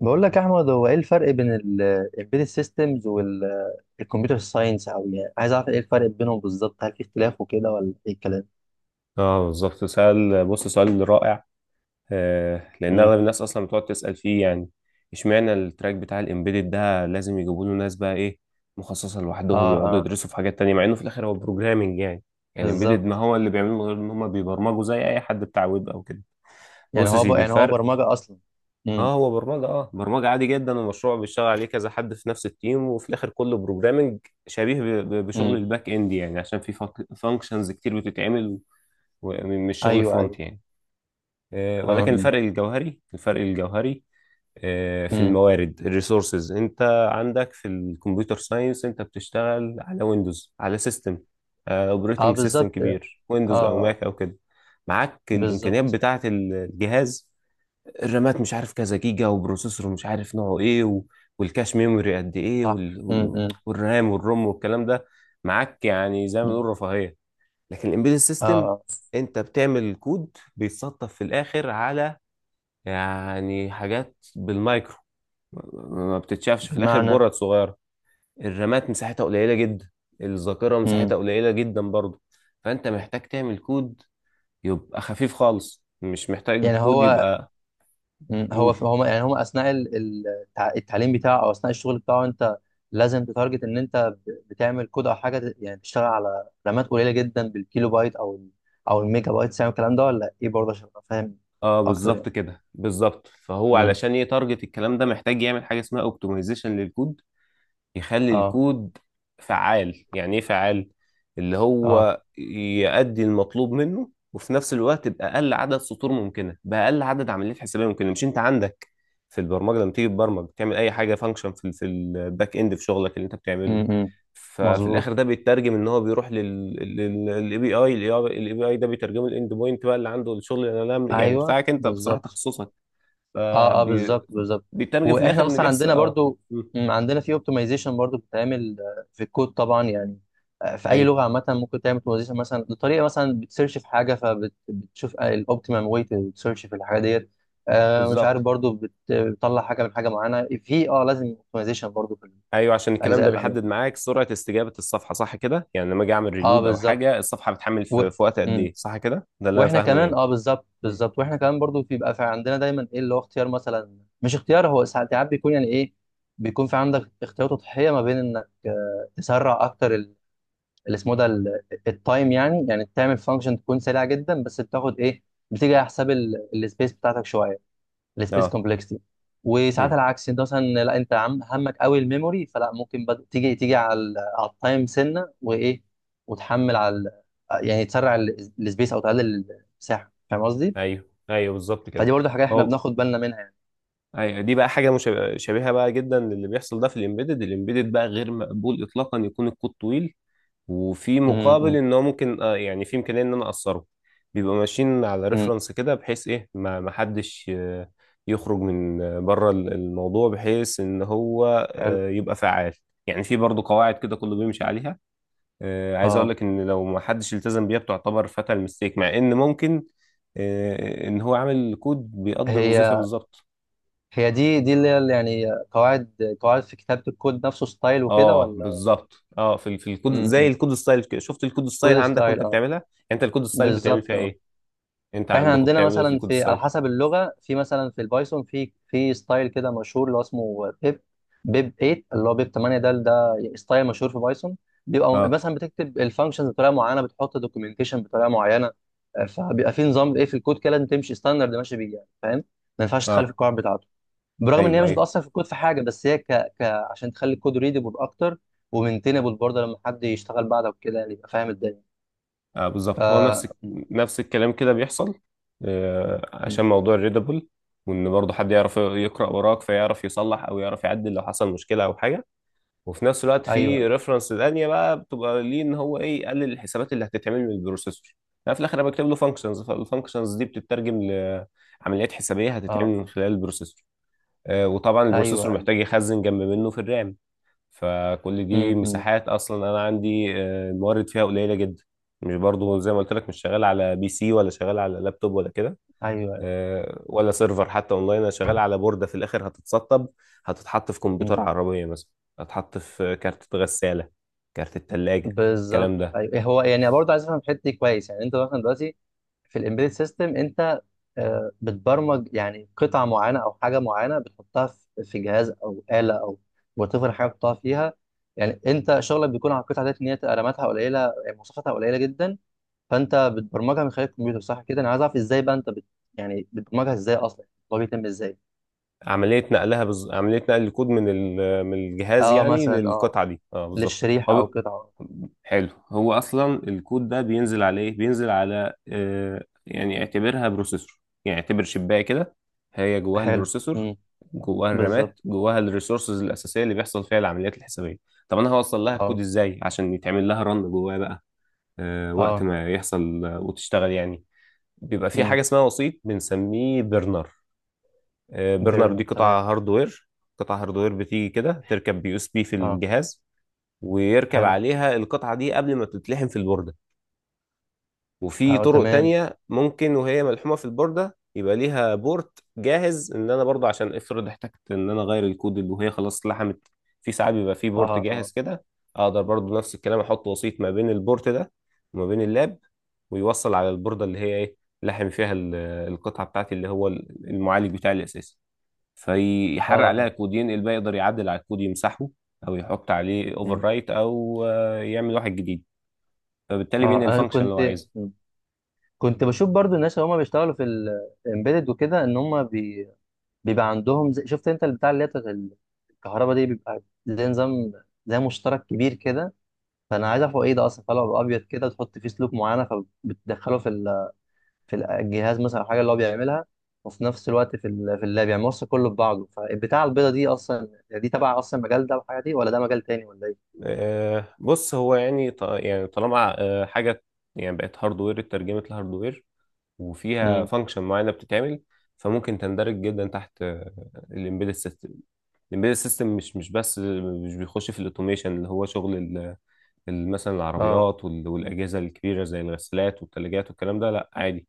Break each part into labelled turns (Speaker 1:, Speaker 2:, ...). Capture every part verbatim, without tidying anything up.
Speaker 1: بقول لك يا احمد، هو ايه الفرق بين الامبيدد سيستمز والكمبيوتر ساينس؟ او يعني عايز اعرف ايه الفرق بينهم بالظبط؟ هل في اختلاف وكده ولا ايه الكلام؟
Speaker 2: اه، بالظبط. سؤال، بص، سؤال رائع. آه لان
Speaker 1: امم.
Speaker 2: اغلب الناس اصلا بتقعد تسال فيه، يعني اشمعنى التراك بتاع الامبيدد ده لازم يجيبوا له ناس بقى ايه، مخصصه لوحدهم،
Speaker 1: اه،
Speaker 2: يقعدوا
Speaker 1: اه
Speaker 2: يدرسوا في حاجات تانية، مع انه في الاخر هو بروجرامنج يعني. يعني الامبيدد ما
Speaker 1: بالظبط.
Speaker 2: هو اللي بيعملوه من غير ان هم بيبرمجوا زي اي حد بتاع ويب او كده.
Speaker 1: يعني
Speaker 2: بص يا
Speaker 1: هو ب...
Speaker 2: سيدي
Speaker 1: يعني هو
Speaker 2: الفرق.
Speaker 1: برمجة اصلا. امم،
Speaker 2: اه، هو برمجه، اه برمجه عادي جدا، ومشروع بيشتغل عليه كذا حد في نفس التيم، وفي الاخر كله بروجرامنج. شبيه ب- ب- بشغل
Speaker 1: امم.
Speaker 2: الباك اند، يعني عشان في فانكشنز كتير بتتعمل، ومش شغل
Speaker 1: ايوه، ايوه.
Speaker 2: فرونت يعني. آه، ولكن
Speaker 1: امم،
Speaker 2: الفرق الجوهري، الفرق الجوهري، آه، في
Speaker 1: امم.
Speaker 2: الموارد، الريسورسز، انت عندك في الكمبيوتر ساينس انت بتشتغل على ويندوز، على سيستم
Speaker 1: اه،
Speaker 2: اوبريتنج سيستم
Speaker 1: بالظبط، اه.
Speaker 2: كبير، ويندوز او
Speaker 1: آه.
Speaker 2: ماك او كده. معاك الامكانيات
Speaker 1: بالظبط.
Speaker 2: بتاعه الجهاز، الرامات مش عارف كذا جيجا، وبروسيسور مش عارف نوعه ايه، و... والكاش ميموري قد ايه،
Speaker 1: صح.
Speaker 2: وال...
Speaker 1: امم،
Speaker 2: وال...
Speaker 1: امم.
Speaker 2: والرام والروم والكلام ده معاك، يعني زي ما نقول رفاهيه. لكن الامبيدد
Speaker 1: اه،
Speaker 2: سيستم،
Speaker 1: آه.
Speaker 2: انت بتعمل كود بيتصطف في الاخر على، يعني حاجات بالمايكرو، ما ما بتتشافش في الاخر،
Speaker 1: بمعنى.
Speaker 2: برد صغيره. الرامات مساحتها قليله جدا، الذاكره
Speaker 1: امم.
Speaker 2: مساحتها قليله جدا برضه. فانت محتاج تعمل كود يبقى خفيف خالص، مش محتاج
Speaker 1: يعني
Speaker 2: كود
Speaker 1: هو.
Speaker 2: يبقى.
Speaker 1: مم. هو
Speaker 2: قول.
Speaker 1: هو يعني هم اثناء ال- ال- التع- التعليم بتاعه او اثناء الشغل بتاعه. انت لازم تتارجت ان انت ب- بتعمل كود او حاجه، ت- يعني تشتغل على رامات قليله جدا، بالكيلو بايت او ال- او الميجا بايت، يعني الكلام ده ولا ايه برضه عشان ابقى فاهم
Speaker 2: اه
Speaker 1: اكتر
Speaker 2: بالظبط
Speaker 1: يعني.
Speaker 2: كده، بالظبط. فهو
Speaker 1: امم.
Speaker 2: علشان يتارجت الكلام ده محتاج يعمل حاجه اسمها اوبتمايزيشن للكود، يخلي
Speaker 1: اه،
Speaker 2: الكود فعال. يعني ايه فعال؟ اللي
Speaker 1: اه.
Speaker 2: هو يؤدي المطلوب منه، وفي نفس الوقت بأقل عدد سطور ممكنة، بأقل عدد عمليات حسابية ممكنة. مش انت عندك في البرمجة، لما تيجي تبرمج تعمل اي حاجة فانكشن في ال- في الباك اند، في شغلك اللي انت بتعمله.
Speaker 1: امم.
Speaker 2: ففي
Speaker 1: مظبوط.
Speaker 2: الاخر ده بيترجم ان هو بيروح للاي بي اي، الاي بي اي ده بيترجمه الاند بوينت بقى، اللي عنده الشغل اللي انا، يعني
Speaker 1: ايوه
Speaker 2: بتاعك انت، بصراحة
Speaker 1: بالظبط.
Speaker 2: تخصصك.
Speaker 1: اه، اه
Speaker 2: فبي-
Speaker 1: بالظبط، بالظبط.
Speaker 2: بيترجم في الاخر
Speaker 1: واحنا
Speaker 2: ان
Speaker 1: اصلا
Speaker 2: بيحصل
Speaker 1: عندنا
Speaker 2: اه.
Speaker 1: برضو.
Speaker 2: مم.
Speaker 1: مم، عندنا في اوبتمايزيشن برضو بتتعمل آه، في الكود طبعا يعني. آه، في اي
Speaker 2: ايوه
Speaker 1: لغه عامه ممكن تعمل اوبتمايزيشن، مثلا بطريقه، مثلا بتسيرش في حاجه فبتشوف الاوبتيمم واي تسيرش في الحاجه ديت. آه، مش عارف
Speaker 2: بالظبط.
Speaker 1: برضو بت- بتطلع حاجه من حاجه معينه، في اه لازم اوبتمايزيشن برضو في
Speaker 2: ايوه، عشان الكلام
Speaker 1: الاجزاء
Speaker 2: ده
Speaker 1: اللي عندنا.
Speaker 2: بيحدد معاك سرعه استجابه الصفحه، صح كده؟ يعني لما اجي اعمل
Speaker 1: اه
Speaker 2: ريلود او
Speaker 1: بالظبط.
Speaker 2: حاجه، الصفحه بتحمل
Speaker 1: و...
Speaker 2: في, في وقت قد
Speaker 1: مم.
Speaker 2: ايه، صح كده؟ ده اللي انا
Speaker 1: واحنا
Speaker 2: فاهمه
Speaker 1: كمان
Speaker 2: يعني.
Speaker 1: اه بالظبط،
Speaker 2: مم.
Speaker 1: بالظبط واحنا كمان برضو بيبقى في عندنا دايما ايه اللي هو اختيار. مثلا مش اختيار، هو ساعات ساعات بيكون يعني ايه. بيكون في عندك اختيار تضحيه ما بين انك آه، تسرع اكتر ال- اللي اسمه ده ال- التايم، يعني يعني تعمل فانكشن تكون سريعه جدا، بس بتاخد ايه، بتيجي على حساب السبيس بتاعتك شويه، السبيس
Speaker 2: اه
Speaker 1: كومبلكسيتي.
Speaker 2: مم.
Speaker 1: وساعات العكس، انت مثلا لا انت عم همك قوي الميموري، فلا ممكن بد... تيجي تيجي على ال- على التايم سنه وايه، وتحمل على ال-، يعني تسرع ال- السبيس او تقلل المساحه. فاهم قصدي؟
Speaker 2: ايوه ايوه بالظبط
Speaker 1: فدي
Speaker 2: كده.
Speaker 1: برضه حاجه احنا
Speaker 2: هو،
Speaker 1: بناخد بالنا منها يعني.
Speaker 2: ايوه دي بقى حاجه مشابهه، شبيهة بقى جدا للي بيحصل ده. في الامبيدد، الامبيدد بقى غير مقبول اطلاقا يكون الكود طويل وفي مقابل
Speaker 1: امم،
Speaker 2: ان هو ممكن آه، يعني في امكانيه ان انا اقصره. بيبقوا ماشيين على
Speaker 1: امم.
Speaker 2: ريفرنس كده، بحيث ايه ما ما حدش آه، يخرج من آه، بره ال- الموضوع، بحيث ان هو
Speaker 1: حلو،
Speaker 2: آه، يبقى فعال. يعني في برضو قواعد كده كله بيمشي عليها. آه، عايز اقول
Speaker 1: اه.
Speaker 2: لك ان لو ما حدش التزم بيها بتعتبر فاتال ميستيك، مع ان ممكن آه، ان هو عامل كود بيقضي الوظيفه
Speaker 1: هي،
Speaker 2: بالظبط.
Speaker 1: هي دي دي اللي هي اللي يعني قواعد قواعد في كتابه الكود نفسه، ستايل وكده
Speaker 2: اه
Speaker 1: ولا؟
Speaker 2: بالظبط. اه، في ال- في الكود، زي
Speaker 1: امم.
Speaker 2: الكود ستايل كده، شفت الكود ستايل
Speaker 1: كود
Speaker 2: عندك
Speaker 1: ستايل،
Speaker 2: وانت
Speaker 1: اه.
Speaker 2: بتعملها يعني؟ انت الكود ستايل بتعمل
Speaker 1: بالظبط
Speaker 2: فيها
Speaker 1: اه.
Speaker 2: ايه؟ انت
Speaker 1: احنا
Speaker 2: عندكم
Speaker 1: عندنا
Speaker 2: بتعملوا ايه في
Speaker 1: مثلا
Speaker 2: الكود
Speaker 1: في، على
Speaker 2: السايل؟
Speaker 1: حسب اللغه، في مثلا في البايثون في في ستايل كده مشهور اللي هو اسمه بيب. بيب تمانية اللي هو بيب تمانية ده، ده ستايل مشهور في بايثون. بيبقى
Speaker 2: اه
Speaker 1: مثلا بتكتب الفانكشنز بطريقه معينه، بتحط دوكيومنتيشن بطريقه معينه. آه، فبيبقى في نظام ايه في الكود كده، لازم تمشي ستاندرد ماشي بيه يعني. فاهم؟ ما ينفعش تخالف
Speaker 2: اه
Speaker 1: القواعد بتاعته، برغم ان هي
Speaker 2: ايوه
Speaker 1: مش
Speaker 2: ايوه.
Speaker 1: بتاثر في الكود في حاجه، بس هي ك... ك... عشان تخلي الكود ريدبل اكتر ومينتينبل برضه، لما حد يشتغل بعدك وكده يعني يبقى فاهم الدنيا.
Speaker 2: آه
Speaker 1: ف...
Speaker 2: بالظبط. هو نفس الك-
Speaker 1: م-.
Speaker 2: نفس الكلام كده بيحصل. آه،
Speaker 1: م.
Speaker 2: عشان موضوع الريدابل، وان برضه حد يعرف يقرا وراك فيعرف يصلح او يعرف يعدل لو حصل مشكله او حاجه. وفي نفس الوقت
Speaker 1: ايوه،
Speaker 2: في
Speaker 1: ايوه.
Speaker 2: ريفرنس تانية بقى بتبقى ليه، ان هو ايه، يقلل الحسابات اللي هتتعمل من البروسيسور. لا، في الاخر انا بكتب له فانكشنز، فالفانكشنز دي بتترجم لعمليات حسابيه هتتعمل
Speaker 1: اه،
Speaker 2: من خلال البروسيسور. آه، وطبعا البروسيسور
Speaker 1: ايوه.
Speaker 2: محتاج يخزن جنب منه في الرام. فكل دي
Speaker 1: امم.
Speaker 2: مساحات اصلا انا عندي آه، الموارد فيها قليله جدا. مش برضو زي ما قلت لك، مش شغال على بي سي، ولا شغال على لابتوب، ولا كده،
Speaker 1: ايوه، ايوه.
Speaker 2: آه، ولا سيرفر حتى اونلاين. انا شغال على بورده في الاخر هتتسطب، هتتحط في كمبيوتر
Speaker 1: مم.
Speaker 2: عربيه مثلا، هتتحط في كارت غساله، كارت الثلاجه،
Speaker 1: بالظبط.
Speaker 2: الكلام ده.
Speaker 1: ايوه إيه، هو يعني برضه عايز افهم الحته دي كويس. يعني انت مثلا دلوقتي في الامبيدد سيستم انت آه، بتبرمج يعني قطعه معينه او حاجه معينه، بتحطها في في جهاز او اله، او وتفر حاجه بتحطها فيها. يعني انت شغلك بيكون على القطعه ديت، ان هي رماتها قليله، يعني مواصفاتها قليله جدا. فانت بتبرمجها من خلال الكمبيوتر، صح كده؟ انا عايز اعرف ازاي بقى انت بت يعني بتبرمجها ازاي اصلا؟ هو بيتم ازاي؟
Speaker 2: عملية نقلها بز... عملية نقل الكود من ال... من الجهاز
Speaker 1: اه
Speaker 2: يعني
Speaker 1: مثلا، اه
Speaker 2: للقطعة دي، اه بالظبط.
Speaker 1: للشريحه
Speaker 2: هو
Speaker 1: او
Speaker 2: ب-
Speaker 1: قطعه.
Speaker 2: حلو، هو اصلا الكود ده بينزل على ايه؟ بينزل على آه، يعني اعتبرها بروسيسور، يعني اعتبر شباية كده، هي جواها
Speaker 1: حلو.
Speaker 2: البروسيسور،
Speaker 1: امم.
Speaker 2: جواها
Speaker 1: بالظبط.
Speaker 2: الرامات، جواها الريسورسز الاساسية اللي بيحصل فيها العمليات الحسابية. طب انا هوصل لها الكود
Speaker 1: اه،
Speaker 2: ازاي عشان يتعمل لها رن جواها بقى آه وقت
Speaker 1: اه.
Speaker 2: ما يحصل آه، وتشتغل يعني؟ بيبقى في
Speaker 1: امم.
Speaker 2: حاجة اسمها وسيط، بنسميه برنر. آه، برنر دي
Speaker 1: بيرن،
Speaker 2: قطعة
Speaker 1: تمام.
Speaker 2: هاردوير، قطعة هاردوير بتيجي كده تركب بي اس بي في
Speaker 1: اه.
Speaker 2: الجهاز، ويركب
Speaker 1: حلو.
Speaker 2: عليها القطعة دي قبل ما تتلحم في البوردة. وفي
Speaker 1: اه،
Speaker 2: طرق
Speaker 1: تمام.
Speaker 2: تانية ممكن وهي ملحومة في البوردة يبقى ليها بورت جاهز، ان انا برضو عشان افرض احتجت ان انا اغير الكود اللي، وهي خلاص لحمت. في ساعات بيبقى في
Speaker 1: اه،
Speaker 2: بورت
Speaker 1: اه.
Speaker 2: جاهز كده، اقدر برضو نفس الكلام احط وسيط ما بين البورت ده وما بين اللاب، ويوصل على البوردة اللي هي ايه، لحم فيها ال- القطعة بتاعتي، اللي هو المعالج بتاعي الاساسي.
Speaker 1: اه،
Speaker 2: فيحرق عليها
Speaker 1: اه.
Speaker 2: كود، ينقل بقى، يقدر يعدل على الكود، يمسحه او يحط عليه اوفر
Speaker 1: امم.
Speaker 2: رايت، او آه، يعمل واحد جديد. فبالتالي
Speaker 1: اه،
Speaker 2: بينقل
Speaker 1: انا
Speaker 2: الفانكشن اللي هو
Speaker 1: كنت.
Speaker 2: عايزها.
Speaker 1: مم. كنت بشوف برضو الناس اللي هم بيشتغلوا في الامبيدد وكده، ان هم بي... بيبقى عندهم زي... شفت انت البتاع اللي هي بتاعت الكهرباء دي، بيبقى زي نظام، زي مشترك كبير كده. فانا عايز اعرف هو ايه ده اصلا، طلع ابيض كده وتحط فيه سلوك معينه، فبتدخله في في الجهاز مثلا او حاجه اللي هو بيعملها. وفي نفس الوقت في ال- في اللاب، يعني موصل كله في بعضه. فالبتاع البيضه دي اصلا يعني دي تبع اصلا المجال ده والحاجه دي، ولا ده مجال تاني ولا ايه؟
Speaker 2: آه، بص، هو يعني ط- يعني طالما آه، حاجه يعني بقت هاردوير، اترجمت لهاردوير، وفيها
Speaker 1: امم.
Speaker 2: فانكشن معينه بتتعمل، فممكن تندرج جدا تحت الامبيدد سيستم. الامبيدد سيستم مش مش بس، مش بيخش في الاوتوميشن اللي هو شغل ال- مثلا
Speaker 1: اه.
Speaker 2: العربيات وال- والأجهزة الكبيرة زي الغسالات والثلاجات والكلام ده، لا عادي.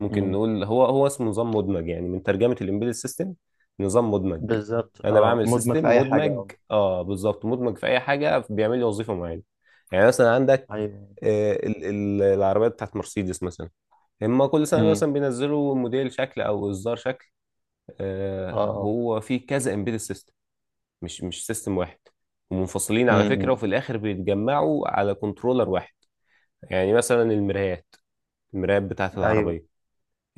Speaker 2: ممكن
Speaker 1: امم.
Speaker 2: نقول هو، هو اسمه نظام مدمج، يعني من ترجمة الإمبيدد سيستم، نظام مدمج.
Speaker 1: بالظبط،
Speaker 2: أنا
Speaker 1: اه،
Speaker 2: بعمل
Speaker 1: مدمج في
Speaker 2: سيستم
Speaker 1: اي حاجه،
Speaker 2: مدمج.
Speaker 1: اه.
Speaker 2: اه بالظبط، مدمج في أي حاجة، بيعمل لي وظيفة معينة. يعني مثلا عندك
Speaker 1: ايوه.
Speaker 2: آه، ال- ال- العربيات بتاعت مرسيدس مثلا، هما كل سنة
Speaker 1: امم.
Speaker 2: مثلا بينزلوا موديل شكل أو إصدار شكل.
Speaker 1: اه،
Speaker 2: آه،
Speaker 1: اه.
Speaker 2: هو فيه كذا إمبيدد سيستم، مش مش سيستم واحد، ومنفصلين على فكرة، وفي
Speaker 1: امم.
Speaker 2: الآخر بيتجمعوا على كنترولر واحد. يعني مثلا المرايات، المرايات بتاعت
Speaker 1: ايوه.
Speaker 2: العربية،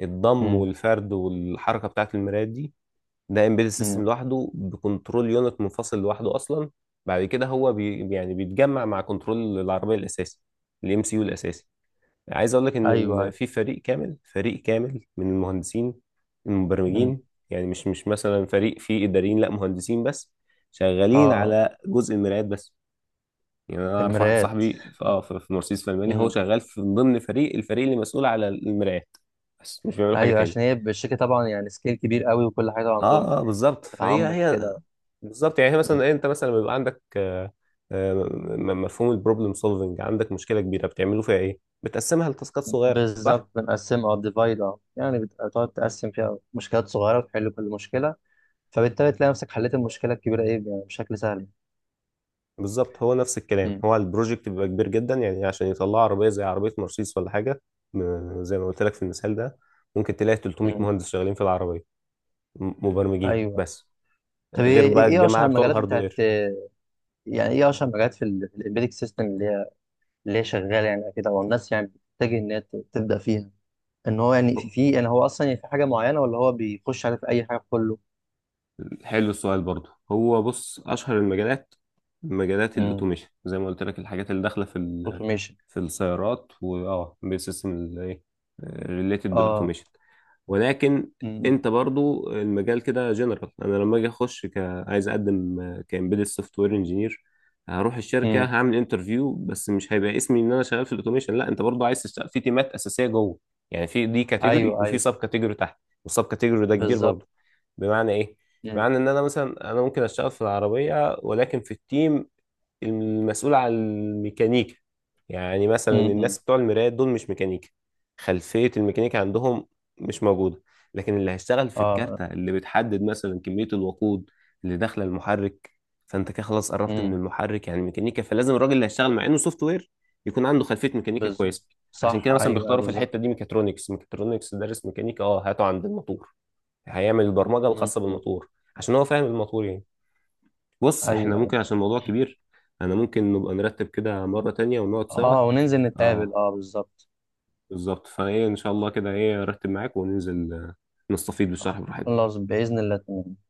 Speaker 2: الضم
Speaker 1: امم،
Speaker 2: والفرد والحركة بتاعت المرايات دي، ده امبيدد
Speaker 1: امم.
Speaker 2: سيستم لوحده، بكنترول يونت منفصل لوحده أصلا. بعد كده هو بي، يعني بيتجمع مع كنترول العربية الأساسي، الام سي يو الأساسي. عايز أقول لك إن
Speaker 1: ايوه،
Speaker 2: ال-
Speaker 1: ايوه.
Speaker 2: في فريق كامل، فريق كامل من المهندسين
Speaker 1: امم.
Speaker 2: المبرمجين، يعني مش مش مثلا فريق فيه إداريين، لا مهندسين بس،
Speaker 1: اه،
Speaker 2: شغالين
Speaker 1: اه.
Speaker 2: على جزء المرايات بس. يعني انا اعرف واحد
Speaker 1: المرايات.
Speaker 2: صاحبي في اه، في في مرسيدس في المانيا، هو
Speaker 1: امم.
Speaker 2: شغال في، من ضمن فريق، الفريق اللي مسؤول على المرايات، بس مش بيعملوا حاجه
Speaker 1: ايوه
Speaker 2: تاني.
Speaker 1: عشان هي الشركه طبعا يعني سكيل كبير قوي، وكل حاجه
Speaker 2: اه
Speaker 1: عندهم
Speaker 2: اه
Speaker 1: يعني
Speaker 2: بالظبط. فهي
Speaker 1: بتعمق
Speaker 2: هي
Speaker 1: وكده.
Speaker 2: بالظبط، يعني هي مثلا إيه، انت مثلا لما بيبقى عندك آه، آه، م- م- مفهوم البروبلم سولفنج، عندك مشكله كبيره بتعملوا فيها ايه؟ بتقسمها لتاسكات صغيره، صح؟
Speaker 1: بالظبط، بنقسمها او ديفايد اه، يعني بت- بتقعد تقسم فيها مشكلات صغيرة وتحل كل مشكلة، فبالتالي تلاقي نفسك حليت المشكلة الكبيرة ايه يعني بشكل سهل.
Speaker 2: بالظبط، هو نفس الكلام.
Speaker 1: مم.
Speaker 2: هو البروجكت بيبقى كبير جدا، يعني عشان يطلع عربيه زي عربيه مرسيدس ولا حاجه. م- زي ما قلت لك في المثال ده، ممكن تلاقي ثلاثمية
Speaker 1: مم.
Speaker 2: مهندس شغالين في العربيه، م- مبرمجين
Speaker 1: ايوه.
Speaker 2: بس،
Speaker 1: طب
Speaker 2: غير
Speaker 1: ايه إيه
Speaker 2: بقى
Speaker 1: إيه
Speaker 2: الجماعة
Speaker 1: اشهر
Speaker 2: بتوع
Speaker 1: المجالات بتاعت؟
Speaker 2: الهاردوير.
Speaker 1: يعني ايه اشهر المجالات في الامبيدك سيستم اللي هي اللي هي شغالة يعني كده والناس يعني بتتجه ان هي ت- تبدأ فيها؟ ان هو يعني
Speaker 2: هو-
Speaker 1: في في- يعني هو اصلا يعني في حاجة معينة، ولا هو بيخش على في اي حاجة في كله؟
Speaker 2: حلو السؤال برضو. هو بص، اشهر المجالات مجالات الاوتوميشن، زي ما قلت لك الحاجات اللي داخله في ال...
Speaker 1: اوتوميشن.
Speaker 2: في السيارات، واه بسيستم الايه، ريليتد
Speaker 1: اه.
Speaker 2: بالاوتوميشن. ولكن
Speaker 1: مم.
Speaker 2: انت برضو المجال كده جنرال. انا لما اجي اخش ك... عايز اقدم كامبيدد سوفت وير انجينير، هروح الشركه
Speaker 1: مم.
Speaker 2: هعمل انترفيو، بس مش هيبقى اسمي ان انا شغال في الاوتوميشن، لا، انت برضو عايز تشتغل في تيمات اساسيه جوه. يعني في دي كاتيجوري،
Speaker 1: ايوه،
Speaker 2: وفي
Speaker 1: ايوه
Speaker 2: سب كاتيجوري تحت، والسب كاتيجوري ده كبير
Speaker 1: بالظبط.
Speaker 2: برضو. بمعنى ايه؟
Speaker 1: مم.
Speaker 2: بمعنى ان انا مثلا انا ممكن اشتغل في العربيه، ولكن في التيم المسؤول عن الميكانيكا. يعني مثلا
Speaker 1: مم. مم.
Speaker 2: الناس بتوع المرايات دول مش ميكانيكا، خلفية الميكانيكا عندهم مش موجودة. لكن اللي هيشتغل في
Speaker 1: اه
Speaker 2: الكارتة اللي بتحدد مثلا كمية الوقود اللي داخلة المحرك، فانت كده خلاص قربت من المحرك يعني ميكانيكا، فلازم الراجل اللي هيشتغل مع انه سوفت وير يكون عنده خلفية ميكانيكا كويسة.
Speaker 1: بالظبط،
Speaker 2: عشان
Speaker 1: صح،
Speaker 2: كده
Speaker 1: ايوه،
Speaker 2: مثلا
Speaker 1: أيوه،
Speaker 2: بيختاروا في الحتة
Speaker 1: بالظبط.
Speaker 2: دي ميكاترونكس. ميكاترونكس دارس ميكانيكا، اه هاته عند الموتور، هيعمل البرمجة
Speaker 1: مم.
Speaker 2: الخاصة بالموتور، عشان هو فاهم الموتور يعني. بص احنا
Speaker 1: ايوه، ايوه.
Speaker 2: ممكن، عشان الموضوع كبير، انا ممكن نبقى نرتب كده مرة تانية ونقعد سوا.
Speaker 1: اه وننزل نتقابل،
Speaker 2: اه
Speaker 1: اه بالظبط.
Speaker 2: بالظبط، فايه ان شاء الله كده ايه ارتب معاك وننزل، آه، نستفيد بالشرح براحتنا.
Speaker 1: خلاص، بإذن الله، تمام.